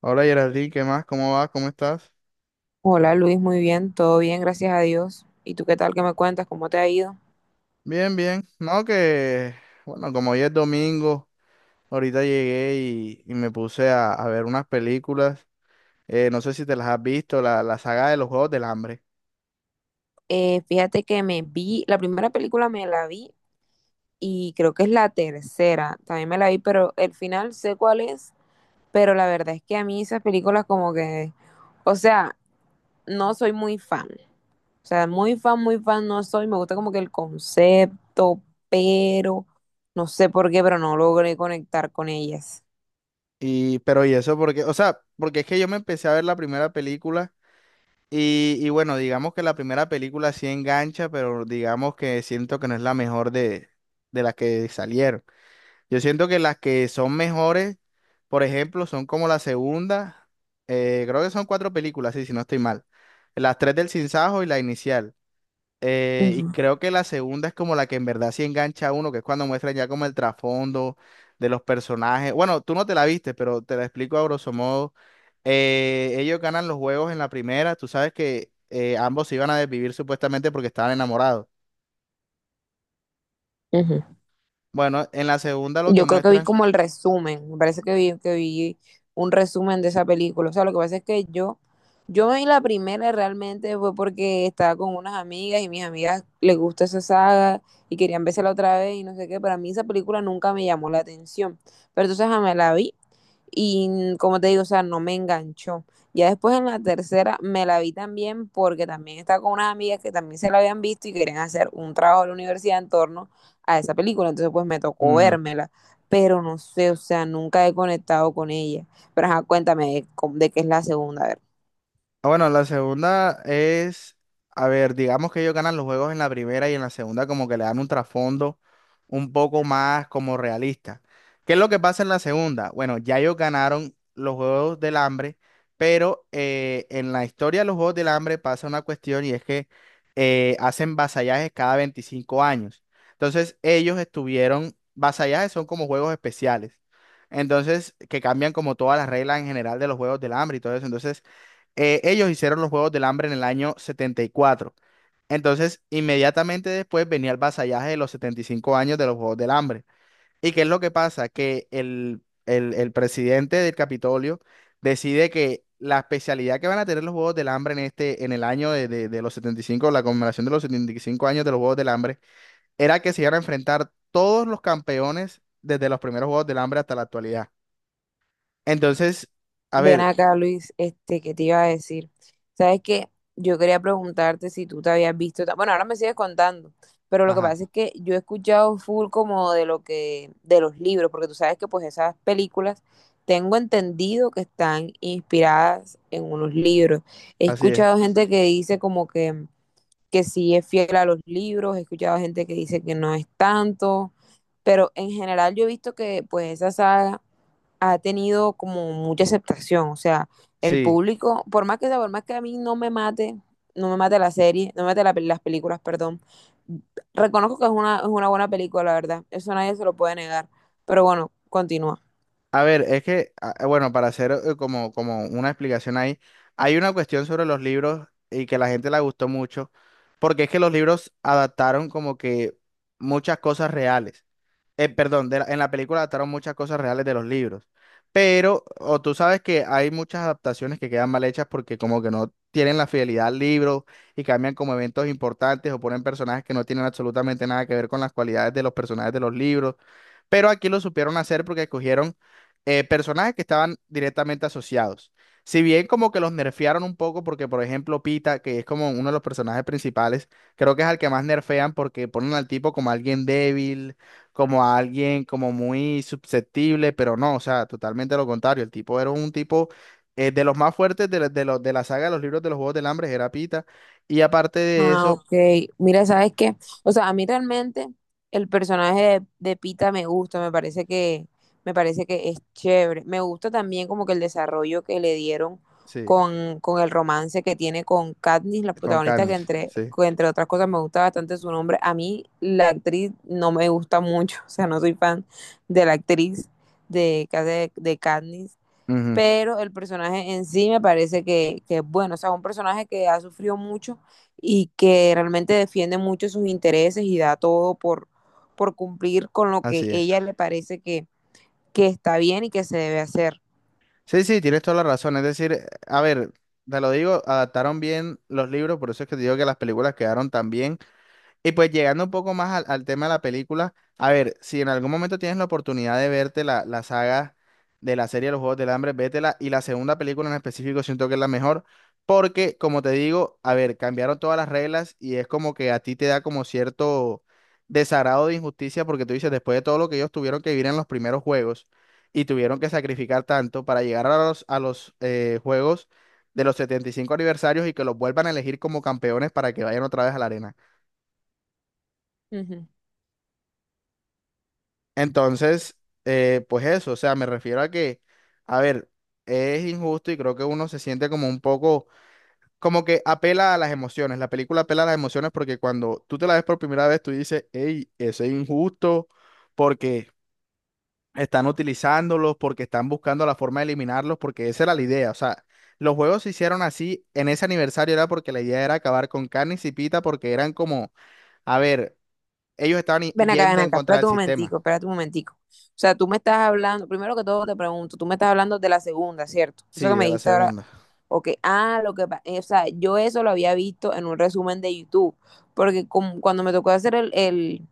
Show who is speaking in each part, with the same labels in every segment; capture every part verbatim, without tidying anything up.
Speaker 1: Hola Geraldine, ¿qué más? ¿Cómo vas? ¿Cómo estás?
Speaker 2: Hola Luis, muy bien, todo bien, gracias a Dios. ¿Y tú qué tal? ¿Qué me cuentas? ¿Cómo te ha ido?
Speaker 1: Bien, bien. No, que, bueno, como hoy es domingo, ahorita llegué y, y me puse a, a ver unas películas. Eh, no sé si te las has visto, la, la saga de los Juegos del Hambre.
Speaker 2: Eh, fíjate que me vi, la primera película me la vi y creo que es la tercera, también me la vi, pero el final sé cuál es, pero la verdad es que a mí esas películas como que, o sea, no soy muy fan, o sea, muy fan, muy fan no soy, me gusta como que el concepto, pero no sé por qué, pero no logré conectar con ellas.
Speaker 1: Y, pero y eso porque, o sea, porque es que yo me empecé a ver la primera película y, y bueno, digamos que la primera película sí engancha, pero digamos que siento que no es la mejor de, de las que salieron. Yo siento que las que son mejores, por ejemplo, son como la segunda. Eh, creo que son cuatro películas, sí, si no estoy mal. Las tres del Sinsajo y la inicial. Eh, y
Speaker 2: Ujú,
Speaker 1: creo que la segunda es como la que en verdad sí engancha a uno, que es cuando muestran ya como el trasfondo de los personajes. Bueno, tú no te la viste, pero te la explico a grosso modo. Eh, ellos ganan los juegos en la primera, tú sabes que eh, ambos se iban a desvivir supuestamente porque estaban enamorados.
Speaker 2: ujú.
Speaker 1: Bueno, en la segunda lo que
Speaker 2: Yo creo que vi
Speaker 1: muestran...
Speaker 2: como el resumen, me parece que vi, que vi un resumen de esa película. O sea, lo que pasa es que yo, yo me vi la primera realmente fue porque estaba con unas amigas y mis amigas les gusta esa saga y querían la otra vez y no sé qué, pero a mí esa película nunca me llamó la atención. Pero entonces ajá, me la vi y como te digo, o sea, no me enganchó. Ya después en la tercera me la vi también porque también estaba con unas amigas que también se la habían visto y querían hacer un trabajo de la universidad en torno a esa película. Entonces pues me tocó
Speaker 1: Ujú.
Speaker 2: vérmela. Pero no sé, o sea, nunca he conectado con ella. Pero ajá, cuéntame de, cómo- de qué es la segunda, a ver.
Speaker 1: Ah, bueno, la segunda es, a ver, digamos que ellos ganan los juegos en la primera y en la segunda como que le dan un trasfondo un poco más como realista. ¿Qué es lo que pasa en la segunda? Bueno, ya ellos ganaron los Juegos del Hambre, pero eh, en la historia de los Juegos del Hambre pasa una cuestión y es que eh, hacen vasallajes cada veinticinco años. Entonces ellos estuvieron, vasallajes son como juegos especiales. Entonces, que cambian como todas las reglas en general de los Juegos del Hambre y todo eso. Entonces, eh, ellos hicieron los Juegos del Hambre en el año setenta y cuatro, entonces, inmediatamente después venía el vasallaje de los setenta y cinco años de los Juegos del Hambre. ¿Y qué es lo que pasa? Que el, el, el presidente del Capitolio decide que la especialidad que van a tener los Juegos del Hambre en este, en el año de, de- de los setenta y cinco, la conmemoración de los setenta y cinco años de los Juegos del Hambre, era que se iban a enfrentar todos los campeones desde los primeros Juegos del Hambre hasta la actualidad. Entonces, a
Speaker 2: Ven
Speaker 1: ver,
Speaker 2: acá, Luis, este, ¿qué te iba a decir? Sabes que yo quería preguntarte si tú te habías visto, ta- bueno, ahora me sigues contando, pero lo que
Speaker 1: ajá,
Speaker 2: pasa es que yo he escuchado full como de lo que, de los libros, porque tú sabes que pues esas películas tengo entendido que están inspiradas en unos libros. He
Speaker 1: así es.
Speaker 2: escuchado gente que dice como que, que sí es fiel a los libros, he escuchado gente que dice que no es tanto, pero en general yo he visto que pues esa saga ha tenido como mucha aceptación, o sea, el
Speaker 1: Sí.
Speaker 2: público, por más que sea, por más que a mí no me mate, no me mate la serie, no me mate la, las películas, perdón, reconozco que es una, es una buena película, la verdad, eso nadie se lo puede negar, pero bueno, continúa.
Speaker 1: A ver, es que, ah, eh, bueno, para hacer eh, como, como una explicación ahí, hay una cuestión sobre los libros y que la gente la gustó mucho, porque es que los libros adaptaron como que muchas cosas reales. Eh, perdón, de la- en la película adaptaron muchas cosas reales de los libros, pero, o tú sabes que hay muchas adaptaciones que quedan mal hechas porque como que no tienen la fidelidad al libro y cambian como eventos importantes o ponen personajes que no tienen absolutamente nada que ver con las cualidades de los personajes de los libros. Pero aquí lo supieron hacer porque escogieron eh, personajes que estaban directamente asociados. Si bien como que los nerfearon un poco porque, por ejemplo, Pita, que es como uno de los personajes principales, creo que es al que más nerfean porque ponen al tipo como alguien débil, como a alguien como muy susceptible, pero no, o sea, totalmente lo contrario. El tipo era un tipo eh, de los más fuertes de, la- de, los- de la saga de los libros de los Juegos del Hambre, era Pita. Y aparte de
Speaker 2: Ah,
Speaker 1: eso,
Speaker 2: ok. Mira, ¿sabes qué? O sea, a mí realmente el personaje de, de Pita me gusta, me parece que, me parece que es chévere. Me gusta también como que el desarrollo que le dieron
Speaker 1: sí,
Speaker 2: con, con el romance que tiene con Katniss, la
Speaker 1: con
Speaker 2: protagonista, que
Speaker 1: carnes,
Speaker 2: entre,
Speaker 1: sí.
Speaker 2: que entre otras cosas me gusta bastante su nombre. A mí la actriz no me gusta mucho, o sea, no soy fan de la actriz de, que hace de Katniss,
Speaker 1: Ujú,
Speaker 2: pero el personaje en sí me parece que, que es bueno, o sea, un personaje que ha sufrido mucho y que realmente defiende mucho sus intereses y da todo por, por cumplir con lo que
Speaker 1: así es.
Speaker 2: ella le parece que, que está bien y que se debe hacer.
Speaker 1: Sí, sí, tienes toda la razón. Es decir, a ver, te lo digo, adaptaron bien los libros, por eso es que te digo que las películas quedaron también y pues llegando un poco más al, al tema de la película, a ver, si en algún momento tienes la oportunidad de verte la, la saga de la serie de los Juegos del Hambre, vétela. Y la segunda película en específico siento que es la mejor, porque como te digo, a ver, cambiaron todas las reglas y es como que a ti te da como cierto desagrado de injusticia, porque tú dices, después de todo lo que ellos tuvieron que vivir en los primeros juegos y tuvieron que sacrificar tanto para llegar a los, a los eh, juegos de los setenta y cinco aniversarios y que los vuelvan a elegir como campeones para que vayan otra vez a la arena.
Speaker 2: Ujú.
Speaker 1: Entonces, eh, pues eso, o sea, me refiero a que, a ver, es injusto y creo que uno se siente como un poco, como que apela a las emociones, la película apela a las emociones porque cuando tú te la ves por primera vez, tú dices, hey, eso es injusto porque están utilizándolos, porque están buscando la forma de eliminarlos, porque esa era la idea, o sea, los juegos se hicieron así en ese aniversario era porque la idea era acabar con Carne y Pita porque eran como, a ver, ellos estaban i-
Speaker 2: Ven acá, ven
Speaker 1: yendo en
Speaker 2: acá,
Speaker 1: contra del
Speaker 2: espérate un momentico,
Speaker 1: sistema,
Speaker 2: espérate un momentico. O sea, tú me estás hablando, primero que todo te pregunto, tú me estás hablando de la segunda, ¿cierto? Eso
Speaker 1: sí,
Speaker 2: que me
Speaker 1: de la
Speaker 2: dijiste ahora,
Speaker 1: segunda.
Speaker 2: ok, ah, lo que pasa, o sea, yo eso lo había visto en un resumen de YouTube, porque como- cuando me tocó hacer el, el-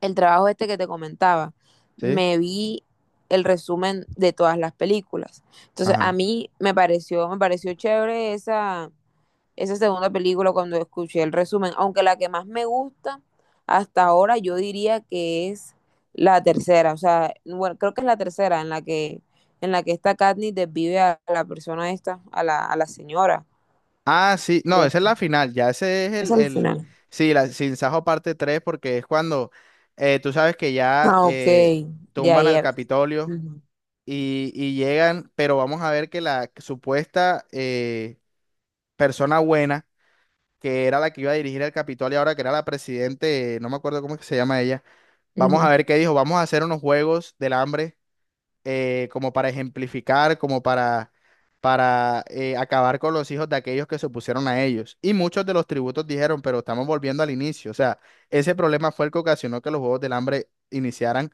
Speaker 2: el trabajo este que te comentaba,
Speaker 1: ¿Sí?
Speaker 2: me vi el resumen de todas las películas. Entonces, a
Speaker 1: Ajá.
Speaker 2: mí me pareció, me pareció chévere esa, esa segunda película cuando escuché el resumen, aunque la que más me gusta hasta ahora yo diría que es la tercera, o sea, bueno, creo que es la tercera en la que en la que esta Katniss desvive a la persona esta, a la, a la señora.
Speaker 1: Ah, sí,
Speaker 2: A
Speaker 1: no,
Speaker 2: la-
Speaker 1: esa es la final, ya ese es
Speaker 2: Es
Speaker 1: el,
Speaker 2: al
Speaker 1: el
Speaker 2: final.
Speaker 1: sí, la Sin Sajo parte tres, porque es cuando eh, tú sabes que ya
Speaker 2: Ah, ok.
Speaker 1: eh,
Speaker 2: Ya,
Speaker 1: tumban al
Speaker 2: ya.
Speaker 1: Capitolio
Speaker 2: Ujú.
Speaker 1: y, y llegan, pero vamos a ver que la supuesta eh, persona buena, que era la que iba a dirigir el Capitolio ahora, que era la presidente, eh, no me acuerdo cómo es que se llama ella, vamos a
Speaker 2: Ujú.
Speaker 1: ver qué dijo, vamos a hacer unos juegos del hambre eh, como para ejemplificar, como para, para eh, acabar con los hijos de aquellos que se opusieron a ellos. Y muchos de los tributos dijeron, pero estamos volviendo al inicio. O sea, ese problema fue el que ocasionó que los Juegos del Hambre iniciaran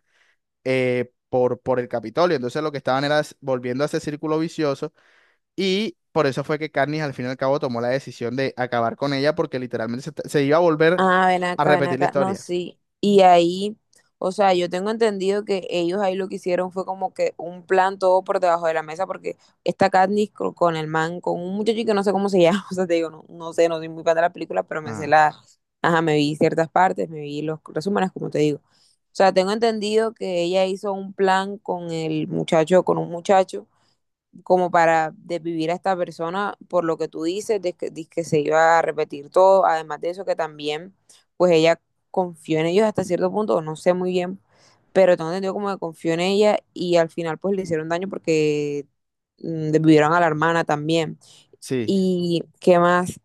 Speaker 1: eh, por, por el Capitolio. Entonces lo que estaban era s- volviendo a ese círculo vicioso y... Por eso fue que Carnes al fin y al cabo tomó la decisión de acabar con ella porque literalmente se, se iba a volver
Speaker 2: Ah, ven
Speaker 1: a
Speaker 2: acá, ven
Speaker 1: repetir la
Speaker 2: acá. No,
Speaker 1: historia.
Speaker 2: sí. Y ahí, o sea, yo tengo entendido que ellos ahí lo que hicieron fue como que un plan todo por debajo de la mesa, porque esta Katniss co- con el man, con un muchacho que no sé cómo se llama, o sea, te digo, no, no sé, no soy muy fan de la película, pero me sé
Speaker 1: Ah,
Speaker 2: la, ajá, me vi ciertas partes, me vi los resúmenes, como te digo. O sea, tengo entendido que ella hizo un plan con el muchacho, con un muchacho como para desvivir a esta persona por lo que tú dices, de que, de que se iba a repetir todo, además de eso que también, pues ella confió en ellos hasta cierto punto, no sé muy bien, pero tengo entendido como que confió en ella y al final pues le hicieron daño porque mm, desvivieron a la hermana también.
Speaker 1: sí,
Speaker 2: ¿Y qué más?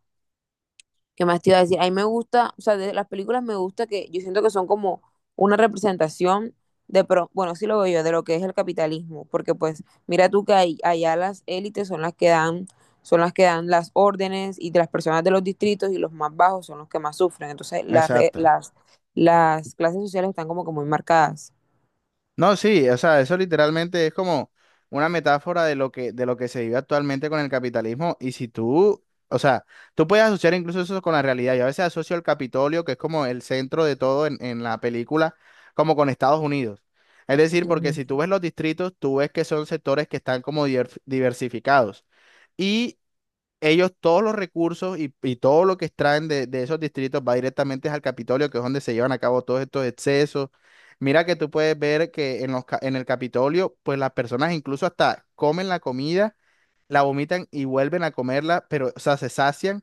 Speaker 2: ¿Qué más te iba a decir? A mí me gusta, o sea, de las películas me gusta que yo siento que son como una representación de, pro, bueno, sí lo veo yo, de lo que es el capitalismo, porque pues mira tú que ahí- allá las élites son las que dan, son las que dan las órdenes y de las personas de los distritos y los más bajos son los que más sufren. Entonces las, re-
Speaker 1: exacto.
Speaker 2: las, las clases sociales están como que muy marcadas.
Speaker 1: No, sí, o sea, eso literalmente es como una metáfora de lo que, de lo que se vive actualmente con el capitalismo. Y si tú, o sea, tú puedes asociar incluso eso con la realidad. Yo a veces asocio el Capitolio, que es como el centro de todo en, en la película, como con Estados Unidos. Es decir, porque si tú ves los distritos, tú ves que son sectores que están como diver- diversificados. Y ellos todos los recursos y, y todo lo que extraen de, de esos distritos va directamente al Capitolio, que es donde se llevan a cabo todos estos excesos. Mira que tú puedes ver que en los, ca- en el Capitolio, pues las personas incluso hasta comen la comida, la vomitan y vuelven a comerla, pero, o sea, se sacian,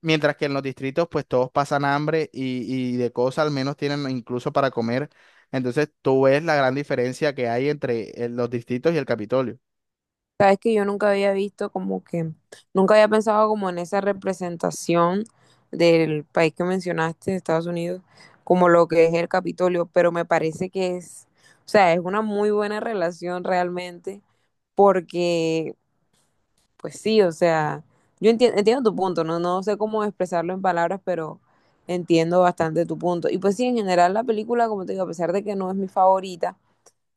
Speaker 1: mientras que en los distritos, pues todos pasan hambre y, y de cosas al menos tienen incluso para comer. Entonces tú ves la gran diferencia que hay entre eh, los distritos y el Capitolio.
Speaker 2: Sabes que yo nunca había visto como que, nunca había pensado como en esa representación del país que mencionaste, de Estados Unidos, como lo que es el Capitolio, pero me parece que es, o sea, es una muy buena relación realmente, porque, pues sí, o sea, yo entiendo, entiendo tu punto, ¿no? No sé cómo expresarlo en palabras, pero entiendo bastante tu punto. Y pues sí, en general la película, como te digo, a pesar de que no es mi favorita,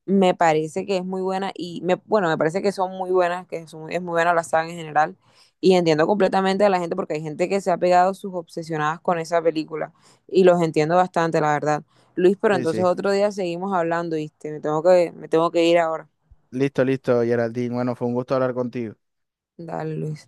Speaker 2: me parece que es muy buena y me, bueno, me parece que son muy buenas, que son, es muy buena la saga en general. Y entiendo completamente a la gente porque hay gente que se ha pegado sus obsesionadas con esa película y los entiendo bastante, la verdad. Luis, pero
Speaker 1: Sí,
Speaker 2: entonces
Speaker 1: sí.
Speaker 2: otro día seguimos hablando, ¿viste? Me tengo que, me tengo que ir ahora.
Speaker 1: Listo, listo, Geraldine. Bueno, fue un gusto hablar contigo.
Speaker 2: Dale, Luis.